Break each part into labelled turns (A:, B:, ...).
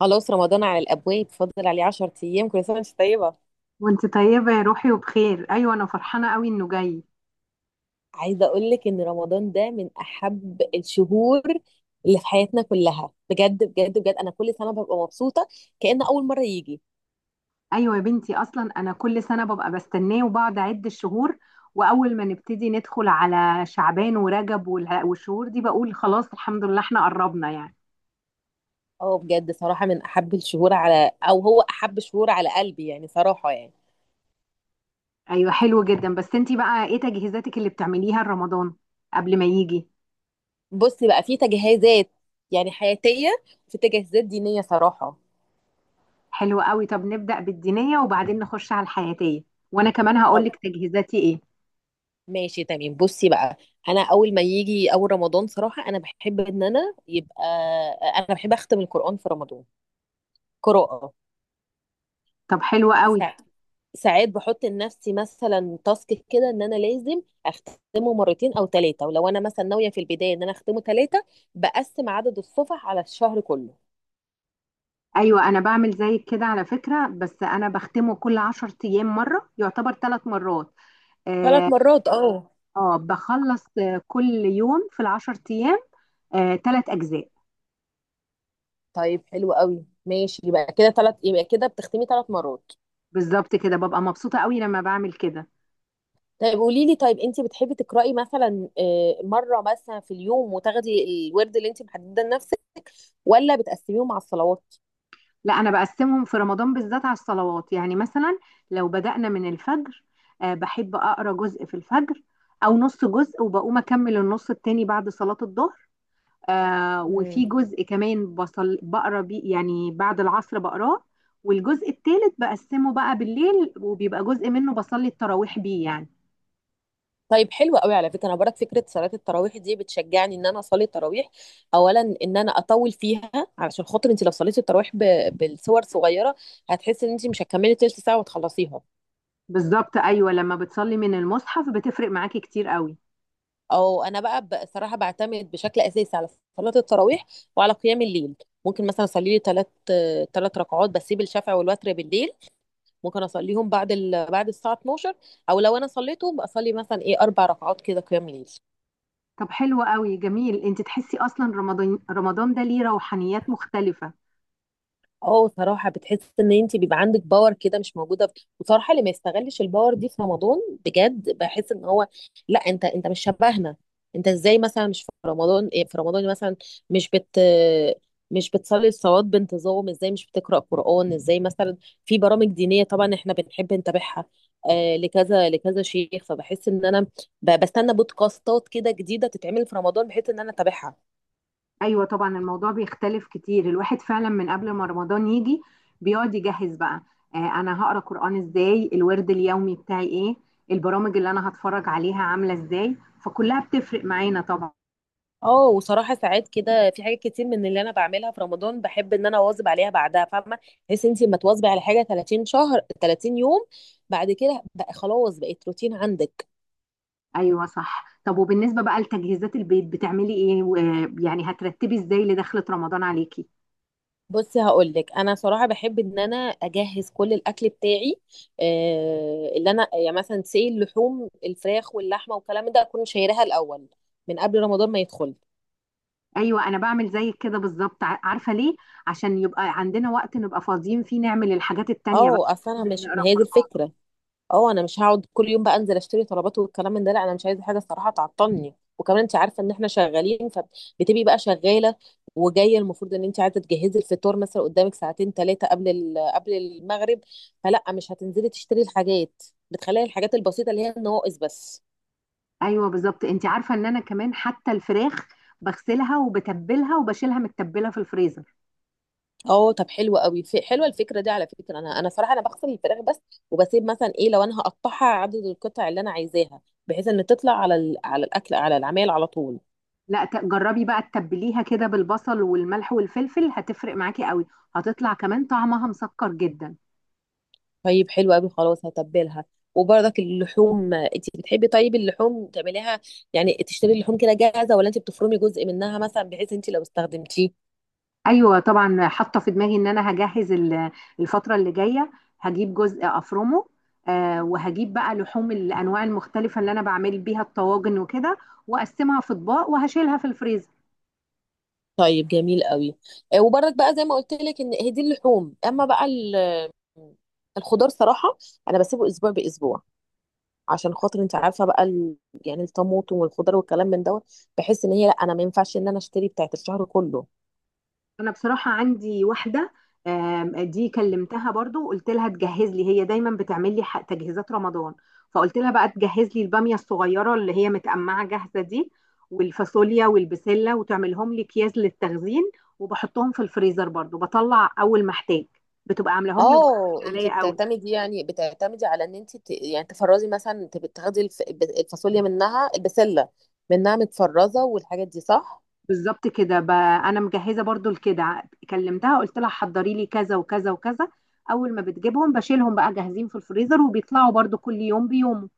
A: خلاص رمضان على الابواب، فاضل عليه 10 ايام. كل سنه وانت طيبه.
B: وانت طيبة يا روحي وبخير، ايوه انا فرحانة قوي انه جاي.
A: عايزه اقول لك ان رمضان ده من احب الشهور اللي في حياتنا كلها، بجد بجد بجد. انا كل سنه ببقى مبسوطه كأن اول مره يجي.
B: ايوه يا بنتي، اصلا انا كل سنة ببقى بستناه وبقعد اعد الشهور. واول ما نبتدي ندخل على شعبان ورجب والشهور دي بقول خلاص الحمد لله احنا قربنا يعني.
A: اه بجد صراحه من احب الشهور على، او هو احب شهور على قلبي يعني صراحه يعني.
B: ايوه حلو جدا، بس انت بقى ايه تجهيزاتك اللي بتعمليها لرمضان قبل ما يجي؟
A: بصي بقى، في تجهيزات يعني حياتيه، في تجهيزات دينيه صراحه.
B: حلو قوي، طب نبدأ بالدينية وبعدين نخش على الحياتية، وانا كمان هقولك تجهيزاتي ايه.
A: ماشي تمام، بصي بقى. انا اول ما يجي اول رمضان صراحه، انا بحب ان انا يبقى، انا بحب اختم القران في رمضان قراءه.
B: طب حلو قوي.
A: ساعات ساعات بحط لنفسي مثلا تاسك كده ان انا لازم اختمه مرتين او ثلاثه، ولو انا مثلا ناويه في البدايه ان انا اختمه ثلاثه بقسم عدد الصفح على الشهر كله.
B: ايوه انا بعمل زيك كده على فكره، بس انا بختمه كل 10 ايام مره، يعتبر ثلاث مرات.
A: ثلاث
B: اه.
A: مرات اه.
B: آه، بخلص كل يوم في العشر ايام. آه، ثلاث اجزاء.
A: طيب حلو قوي، ماشي، يبقى كده ثلاث، يبقى كده بتختمي ثلاث مرات.
B: بالظبط كده، ببقى مبسوطه قوي لما بعمل كده.
A: طيب قولي لي، طيب انت بتحبي تقرأي مثلا آه، مرة مثلا في اليوم وتاخدي الورد اللي انت محدده لنفسك، ولا بتقسميهم مع الصلوات؟
B: لا، انا بقسمهم في رمضان بالذات على الصلوات، يعني مثلا لو بدأنا من الفجر. آه، بحب اقرا جزء في الفجر، او نص جزء وبقوم اكمل النص التاني بعد صلاه الظهر. وفي
A: مم.
B: جزء كمان بصل بقرا بيه يعني بعد العصر بقراه. والجزء الثالث بقسمه بقى بالليل، وبيبقى جزء منه بصلي التراويح بيه يعني.
A: طيب حلوة قوي، على فكرة انا برك فكرة صلاة التراويح دي بتشجعني ان انا اصلي التراويح، اولا ان انا اطول فيها. علشان خاطر انت لو صليتي التراويح بالصور صغيرة هتحسي ان انت مش هتكملي تلت ساعة وتخلصيها.
B: بالظبط، ايوه لما بتصلي من المصحف بتفرق معاكي كتير قوي.
A: او انا بقى بصراحة بعتمد بشكل اساسي على صلاة التراويح وعلى قيام الليل. ممكن مثلا اصلي لي ثلاث، ثلاث ركعات، بسيب الشفع والوتر بالليل. ممكن اصليهم بعد الساعه 12، او لو انا صليتهم بصلي مثلا ايه اربع ركعات كده قيام ليل.
B: طب حلو قوي جميل، انت تحسي اصلا رمضان رمضان ده ليه روحانيات مختلفة؟
A: اه صراحة بتحس ان انت بيبقى عندك باور كده مش موجودة، وصراحة اللي ما يستغلش الباور دي في رمضان بجد بحس ان هو، لا انت مش شبهنا. انت ازاي مثلا مش في رمضان، إيه في رمضان مثلا، مش بت مش بتصلي الصلوات بانتظام ازاي، مش بتقرأ قرآن ازاي مثلا. في برامج دينية طبعا احنا بنحب نتابعها، آه لكذا لكذا شيخ، فبحس ان انا بستنى بودكاستات كده جديدة تتعمل في رمضان بحيث ان انا اتابعها.
B: ايوه طبعا، الموضوع بيختلف كتير، الواحد فعلا من قبل ما رمضان يجي بيقعد يجهز بقى. انا هقرا قرآن ازاي، الورد اليومي بتاعي ايه، البرامج اللي انا هتفرج عليها عامله ازاي، فكلها بتفرق معانا طبعا.
A: اه وصراحه ساعات كده في حاجات كتير من اللي انا بعملها في رمضان بحب ان انا اواظب عليها بعدها، فاهمه، بحيث انت لما تواظبي على حاجه 30 شهر 30 يوم، بعد كده بقى خلاص بقت روتين عندك.
B: ايوه صح، طب وبالنسبه بقى لتجهيزات البيت بتعملي ايه يعني هترتبي ازاي لدخلة رمضان عليكي؟
A: بصي هقول لك، انا صراحه بحب ان انا اجهز كل الاكل بتاعي، آه اللي انا يعني مثلا سي اللحوم الفراخ واللحمه والكلام ده اكون شايراها الاول من قبل رمضان ما يدخل.
B: ايوه انا بعمل زيك كده بالظبط، عارفه ليه؟ عشان يبقى عندنا وقت نبقى فاضيين فيه نعمل الحاجات التانية بقى،
A: اه اصل انا مش، ما
B: نقرا
A: هي دي
B: قرآن.
A: الفكره. اه انا مش هقعد كل يوم بقى انزل اشتري طلبات والكلام من ده، لا انا مش عايزه حاجه الصراحه تعطلني، وكمان انت عارفه ان احنا شغالين، فبتبقي بقى شغاله وجايه، المفروض ان انت عايزه تجهزي الفطار مثلا قدامك ساعتين ثلاثه قبل المغرب، فلا مش هتنزلي تشتري الحاجات، بتخلي الحاجات البسيطه اللي هي النواقص بس.
B: ايوه بالظبط، انت عارفه ان انا كمان حتى الفراخ بغسلها وبتبلها وبشيلها متبله في الفريزر.
A: اه طب حلوه قوي، في حلوه الفكره دي على فكره، انا صراحه انا بغسل الفراخ بس، وبسيب مثلا ايه لو انا هقطعها عدد القطع اللي انا عايزاها، بحيث ان تطلع على الاكل على العمال على طول.
B: لا، جربي بقى تتبليها كده بالبصل والملح والفلفل، هتفرق معاكي قوي، هتطلع كمان طعمها مسكر جدا.
A: طيب حلو قوي، خلاص هتبلها. وبرضك اللحوم انت بتحبي، طيب اللحوم تعمليها يعني تشتري اللحوم كده جاهزه، ولا انت بتفرمي جزء منها مثلا بحيث انت لو استخدمتيه.
B: ايوه طبعا، حاطه في دماغي ان انا هجهز الفتره اللي جايه. هجيب جزء افرمه. وهجيب بقى لحوم الانواع المختلفه اللي انا بعمل بيها الطواجن وكده، واقسمها في اطباق وهشيلها في الفريزر.
A: طيب جميل قوي، آه، وبرضك بقى زي ما قلت لك ان هي دي اللحوم، اما بقى الخضار صراحه انا بسيبه اسبوع باسبوع، عشان خاطر انت عارفه بقى ال...، يعني الطماطم والخضار والكلام من دوت، بحس ان هي، لا انا ما ينفعش ان انا اشتري بتاعت الشهر كله.
B: انا بصراحه عندي واحده، دي كلمتها برضو وقلت لها تجهز لي، هي دايما بتعمل لي تجهيزات رمضان. فقلت لها بقى تجهز لي الباميه الصغيره اللي هي متقمعه جاهزه دي، والفاصوليا والبسله، وتعملهم لي اكياس للتخزين، وبحطهم في الفريزر برضو بطلع اول ما احتاج، بتبقى عاملاهم لي وبتسهل
A: اه انت
B: عليا قوي.
A: بتعتمدي، يعني بتعتمدي على ان انت ت-، يعني تفرزي مثلا، انت بتاخدي الفاصوليا منها، البسله منها متفرزه، والحاجات دي صح.
B: بالظبط كده، انا مجهزه برضو لكده. كلمتها قلت لها حضري لي كذا وكذا وكذا، اول ما بتجيبهم بشيلهم بقى جاهزين في الفريزر وبيطلعوا برضو كل يوم بيومه.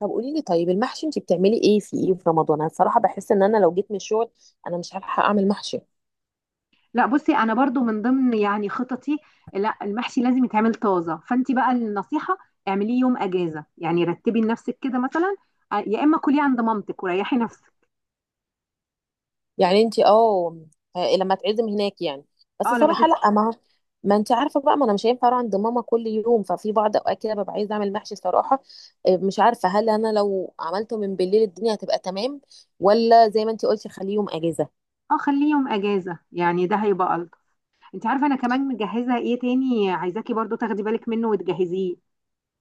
A: طب قولي لي، طيب المحشي انت بتعملي ايه في ايه في رمضان؟ انا الصراحه بحس ان انا لو جيت من الشغل انا مش هلحق اعمل محشي.
B: لا بصي، انا برضو من ضمن يعني خططي. لا، المحشي لازم يتعمل طازه، فانت بقى النصيحه اعمليه يوم اجازه، يعني رتبي لنفسك كده مثلا. آه، يا اما كليه عند مامتك وريحي نفسك.
A: يعني انت اه، آه، لما تعزم هناك يعني، بس
B: اه، لما
A: صراحه
B: تت.
A: لا، ما انت عارفه بقى، ما انا مش هينفع اروح عند ماما كل يوم، ففي بعض اوقات كده ببقى عايزه اعمل محشي صراحه. آه، مش عارفه هل انا لو عملته من بالليل الدنيا هتبقى تمام، ولا زي ما انت قلتي خليه يوم اجازه.
B: اه، خليه يوم اجازه، يعني ده هيبقى الطف. انت عارفه انا كمان مجهزه ايه تاني؟ عايزاكي برضو تاخدي بالك منه وتجهزيه.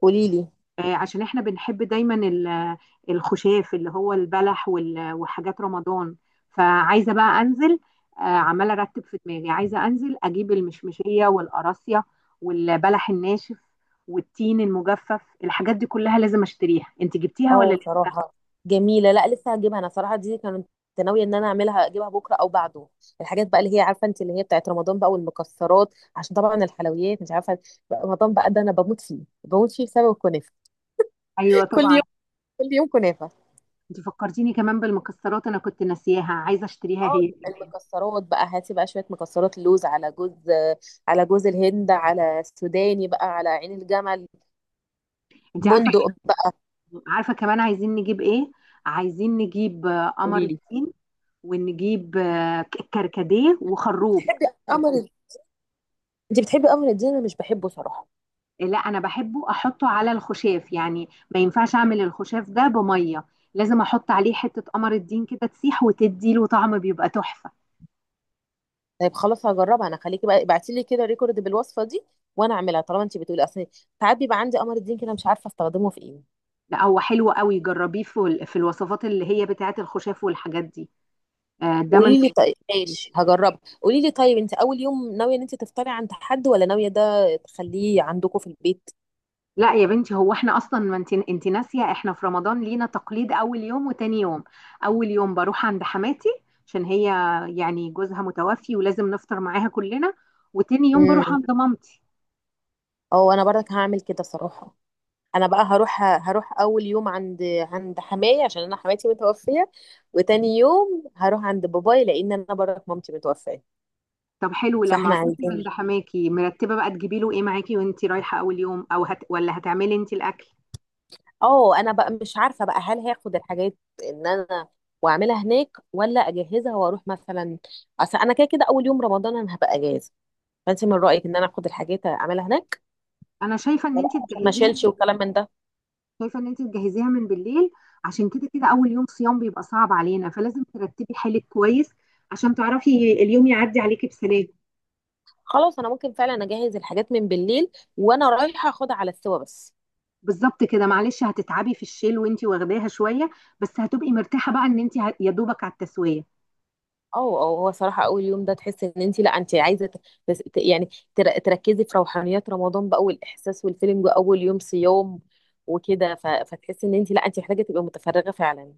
A: قولي لي.
B: آه، عشان احنا بنحب دايما الخشاف اللي هو البلح وحاجات رمضان، فعايزه بقى انزل. آه، عماله ارتب في دماغي، عايزه انزل اجيب المشمشيه والقراصيه والبلح الناشف والتين المجفف، الحاجات دي كلها لازم اشتريها. انت جبتيها ولا
A: اه
B: لسه؟
A: صراحه جميله، لا لسه هجيبها. انا صراحه دي كنت ناويه ان انا اعملها، اجيبها بكره او بعده. الحاجات بقى اللي هي، عارفه انت، اللي هي بتاعت رمضان بقى، والمكسرات، عشان طبعا الحلويات مش عارفه، رمضان بقى ده انا بموت فيه، بموت فيه بسبب الكنافه.
B: ايوه
A: كل
B: طبعا.
A: كل يوم كنافة.
B: انت فكرتيني كمان بالمكسرات، انا كنت ناسياها عايزه اشتريها
A: اه
B: هي كمان.
A: المكسرات بقى، هاتي بقى شوية مكسرات، لوز على جوز، على جوز الهند، على سوداني بقى، على عين الجمل،
B: انت عارفه.
A: بندق بقى.
B: عارفه كمان عايزين نجيب ايه؟ عايزين نجيب قمر
A: قولي لي،
B: الدين، ونجيب كركديه وخروب.
A: بتحبي قمر، انت بتحبي قمر الدين؟ انا مش بحبه صراحة.
B: لا، انا بحبه احطه على الخشاف، يعني ما ينفعش اعمل الخشاف ده بميه، لازم احط عليه حته قمر الدين كده تسيح وتدي له طعم، بيبقى تحفه.
A: طيب خلاص هجربها انا، خليكي بقى ابعتي لي كده ريكورد بالوصفة دي وانا اعملها، طالما انت بتقولي. اصل ساعات بيبقى عندي قمر الدين كده مش عارفة استخدمه في ايه.
B: لا، هو حلو قوي، جربيه في الوصفات اللي هي بتاعت الخشاف والحاجات دي. آه، ده من.
A: قولي لي طيب، ماشي هجربها. قولي لي طيب، انت اول يوم ناوية ان انت تفطري عند حد، ولا ناوية ده تخليه عندكم في البيت؟
B: لا يا بنتي، هو احنا اصلا، ما انت ناسيه احنا في رمضان لينا تقليد اول يوم وتاني يوم. اول يوم بروح عند حماتي، عشان هي يعني جوزها متوفي ولازم نفطر معاها كلنا. وتاني يوم بروح عند مامتي.
A: اه انا برضك هعمل كده صراحه، انا بقى هروح، هروح اول يوم عند حماية عشان انا حماتي متوفيه، وتاني يوم هروح عند باباي لان انا برضك مامتي متوفيه،
B: طب حلو، لما
A: فاحنا
B: هتروحي عند
A: عايزين.
B: حماكي مرتبه بقى تجيبي له ايه معاكي وانت رايحه اول يوم، او هت، ولا هتعملي انت الاكل؟
A: اه انا بقى مش عارفه بقى هل هاخد الحاجات ان انا واعملها هناك، ولا اجهزها واروح مثلا. اصل انا كده كده اول يوم رمضان انا هبقى اجازه، فانت من رايك ان انا اخد الحاجات اعملها هناك،
B: انا شايفه ان
A: ولا
B: انت
A: عشان ما
B: تجهزيها.
A: اشيلش وكلام من ده.
B: شايفه ان انت تجهزيها من بالليل، عشان كده كده اول يوم صيام بيبقى صعب علينا، فلازم ترتبي حالك كويس عشان تعرفي اليوم يعدي عليكي بسلام.
A: خلاص انا ممكن فعلا اجهز الحاجات من بالليل وانا رايحه اخدها على السوا بس.
B: بالظبط كده، معلش هتتعبي في الشيل وانتي واخداها شويه، بس هتبقي مرتاحه بقى ان انتي يا دوبك على التسويه.
A: اه اه، هو صراحة أول يوم ده تحس إن أنت، لا أنت عايزة تس- ت- يعني تركزي في روحانيات رمضان بقى والإحساس والفيلم أول يوم صيام وكده، فتحسي إن أنت، لا أنت محتاجة تبقي متفرغة فعلا،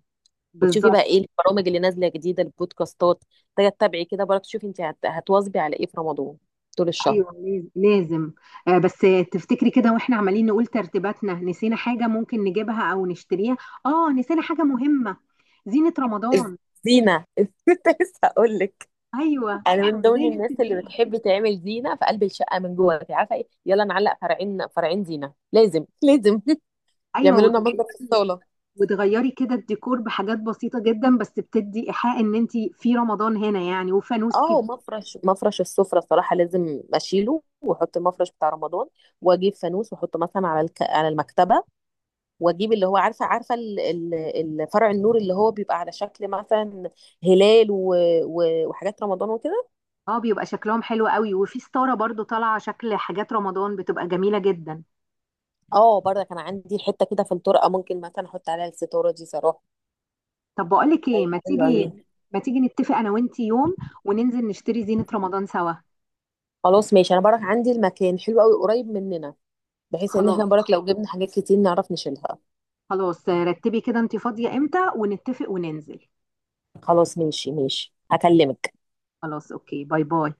A: وتشوفي بقى
B: بالظبط
A: إيه البرامج اللي نازلة جديدة، البودكاستات محتاجة تتابعي كده برضه، تشوفي أنت هتواظبي على إيه في رمضان طول الشهر.
B: ايوه، لازم. بس تفتكري كده واحنا عمالين نقول ترتيباتنا نسينا حاجه ممكن نجيبها او نشتريها؟ اه، نسينا حاجه مهمه، زينه رمضان.
A: زينة كنت لسه هقول لك.
B: ايوه،
A: أنا
B: احنا
A: من ضمن
B: ازاي
A: الناس اللي
B: نسيناها؟
A: بتحب تعمل زينة في قلب الشقة من جوه، أنت عارفة إيه، يلا نعلق فرعين فرعين، زينة لازم لازم
B: ايوه
A: يعملوا لنا
B: وتغيري.
A: مصدر في الصالة.
B: وتغيري كده الديكور بحاجات بسيطه جدا، بس بتدي ايحاء ان انتي في رمضان هنا يعني، وفانوس.
A: اه مفرش السفرة صراحة لازم اشيله واحط المفرش بتاع رمضان، واجيب فانوس واحطه مثلا على المكتبة، واجيب اللي هو عارفة عارفة ال... ال... فرع النور اللي هو بيبقى على شكل مثلا هلال و... و... وحاجات رمضان وكده.
B: اه، بيبقى شكلهم حلو قوي، وفي ستارة برضو طالعة شكل حاجات رمضان بتبقى جميلة جدا.
A: اه برضه كان عندي حتة كده في الطرقة ممكن مثلا احط عليها الستارة دي صراحة.
B: طب بقولك ايه،
A: طيب، حلو أوي.
B: ما تيجي نتفق انا وانتي يوم وننزل نشتري زينة رمضان سوا.
A: خلاص ماشي، انا برك عندي المكان حلو قوي قريب مننا، بحيث ان احنا
B: خلاص.
A: برك لو جبنا حاجات كتير نعرف نشيلها.
B: خلاص، رتبي كده انتي فاضية امتى ونتفق وننزل.
A: خلاص ماشي ماشي، هكلمك.
B: خلاص، اوكي، باي باي.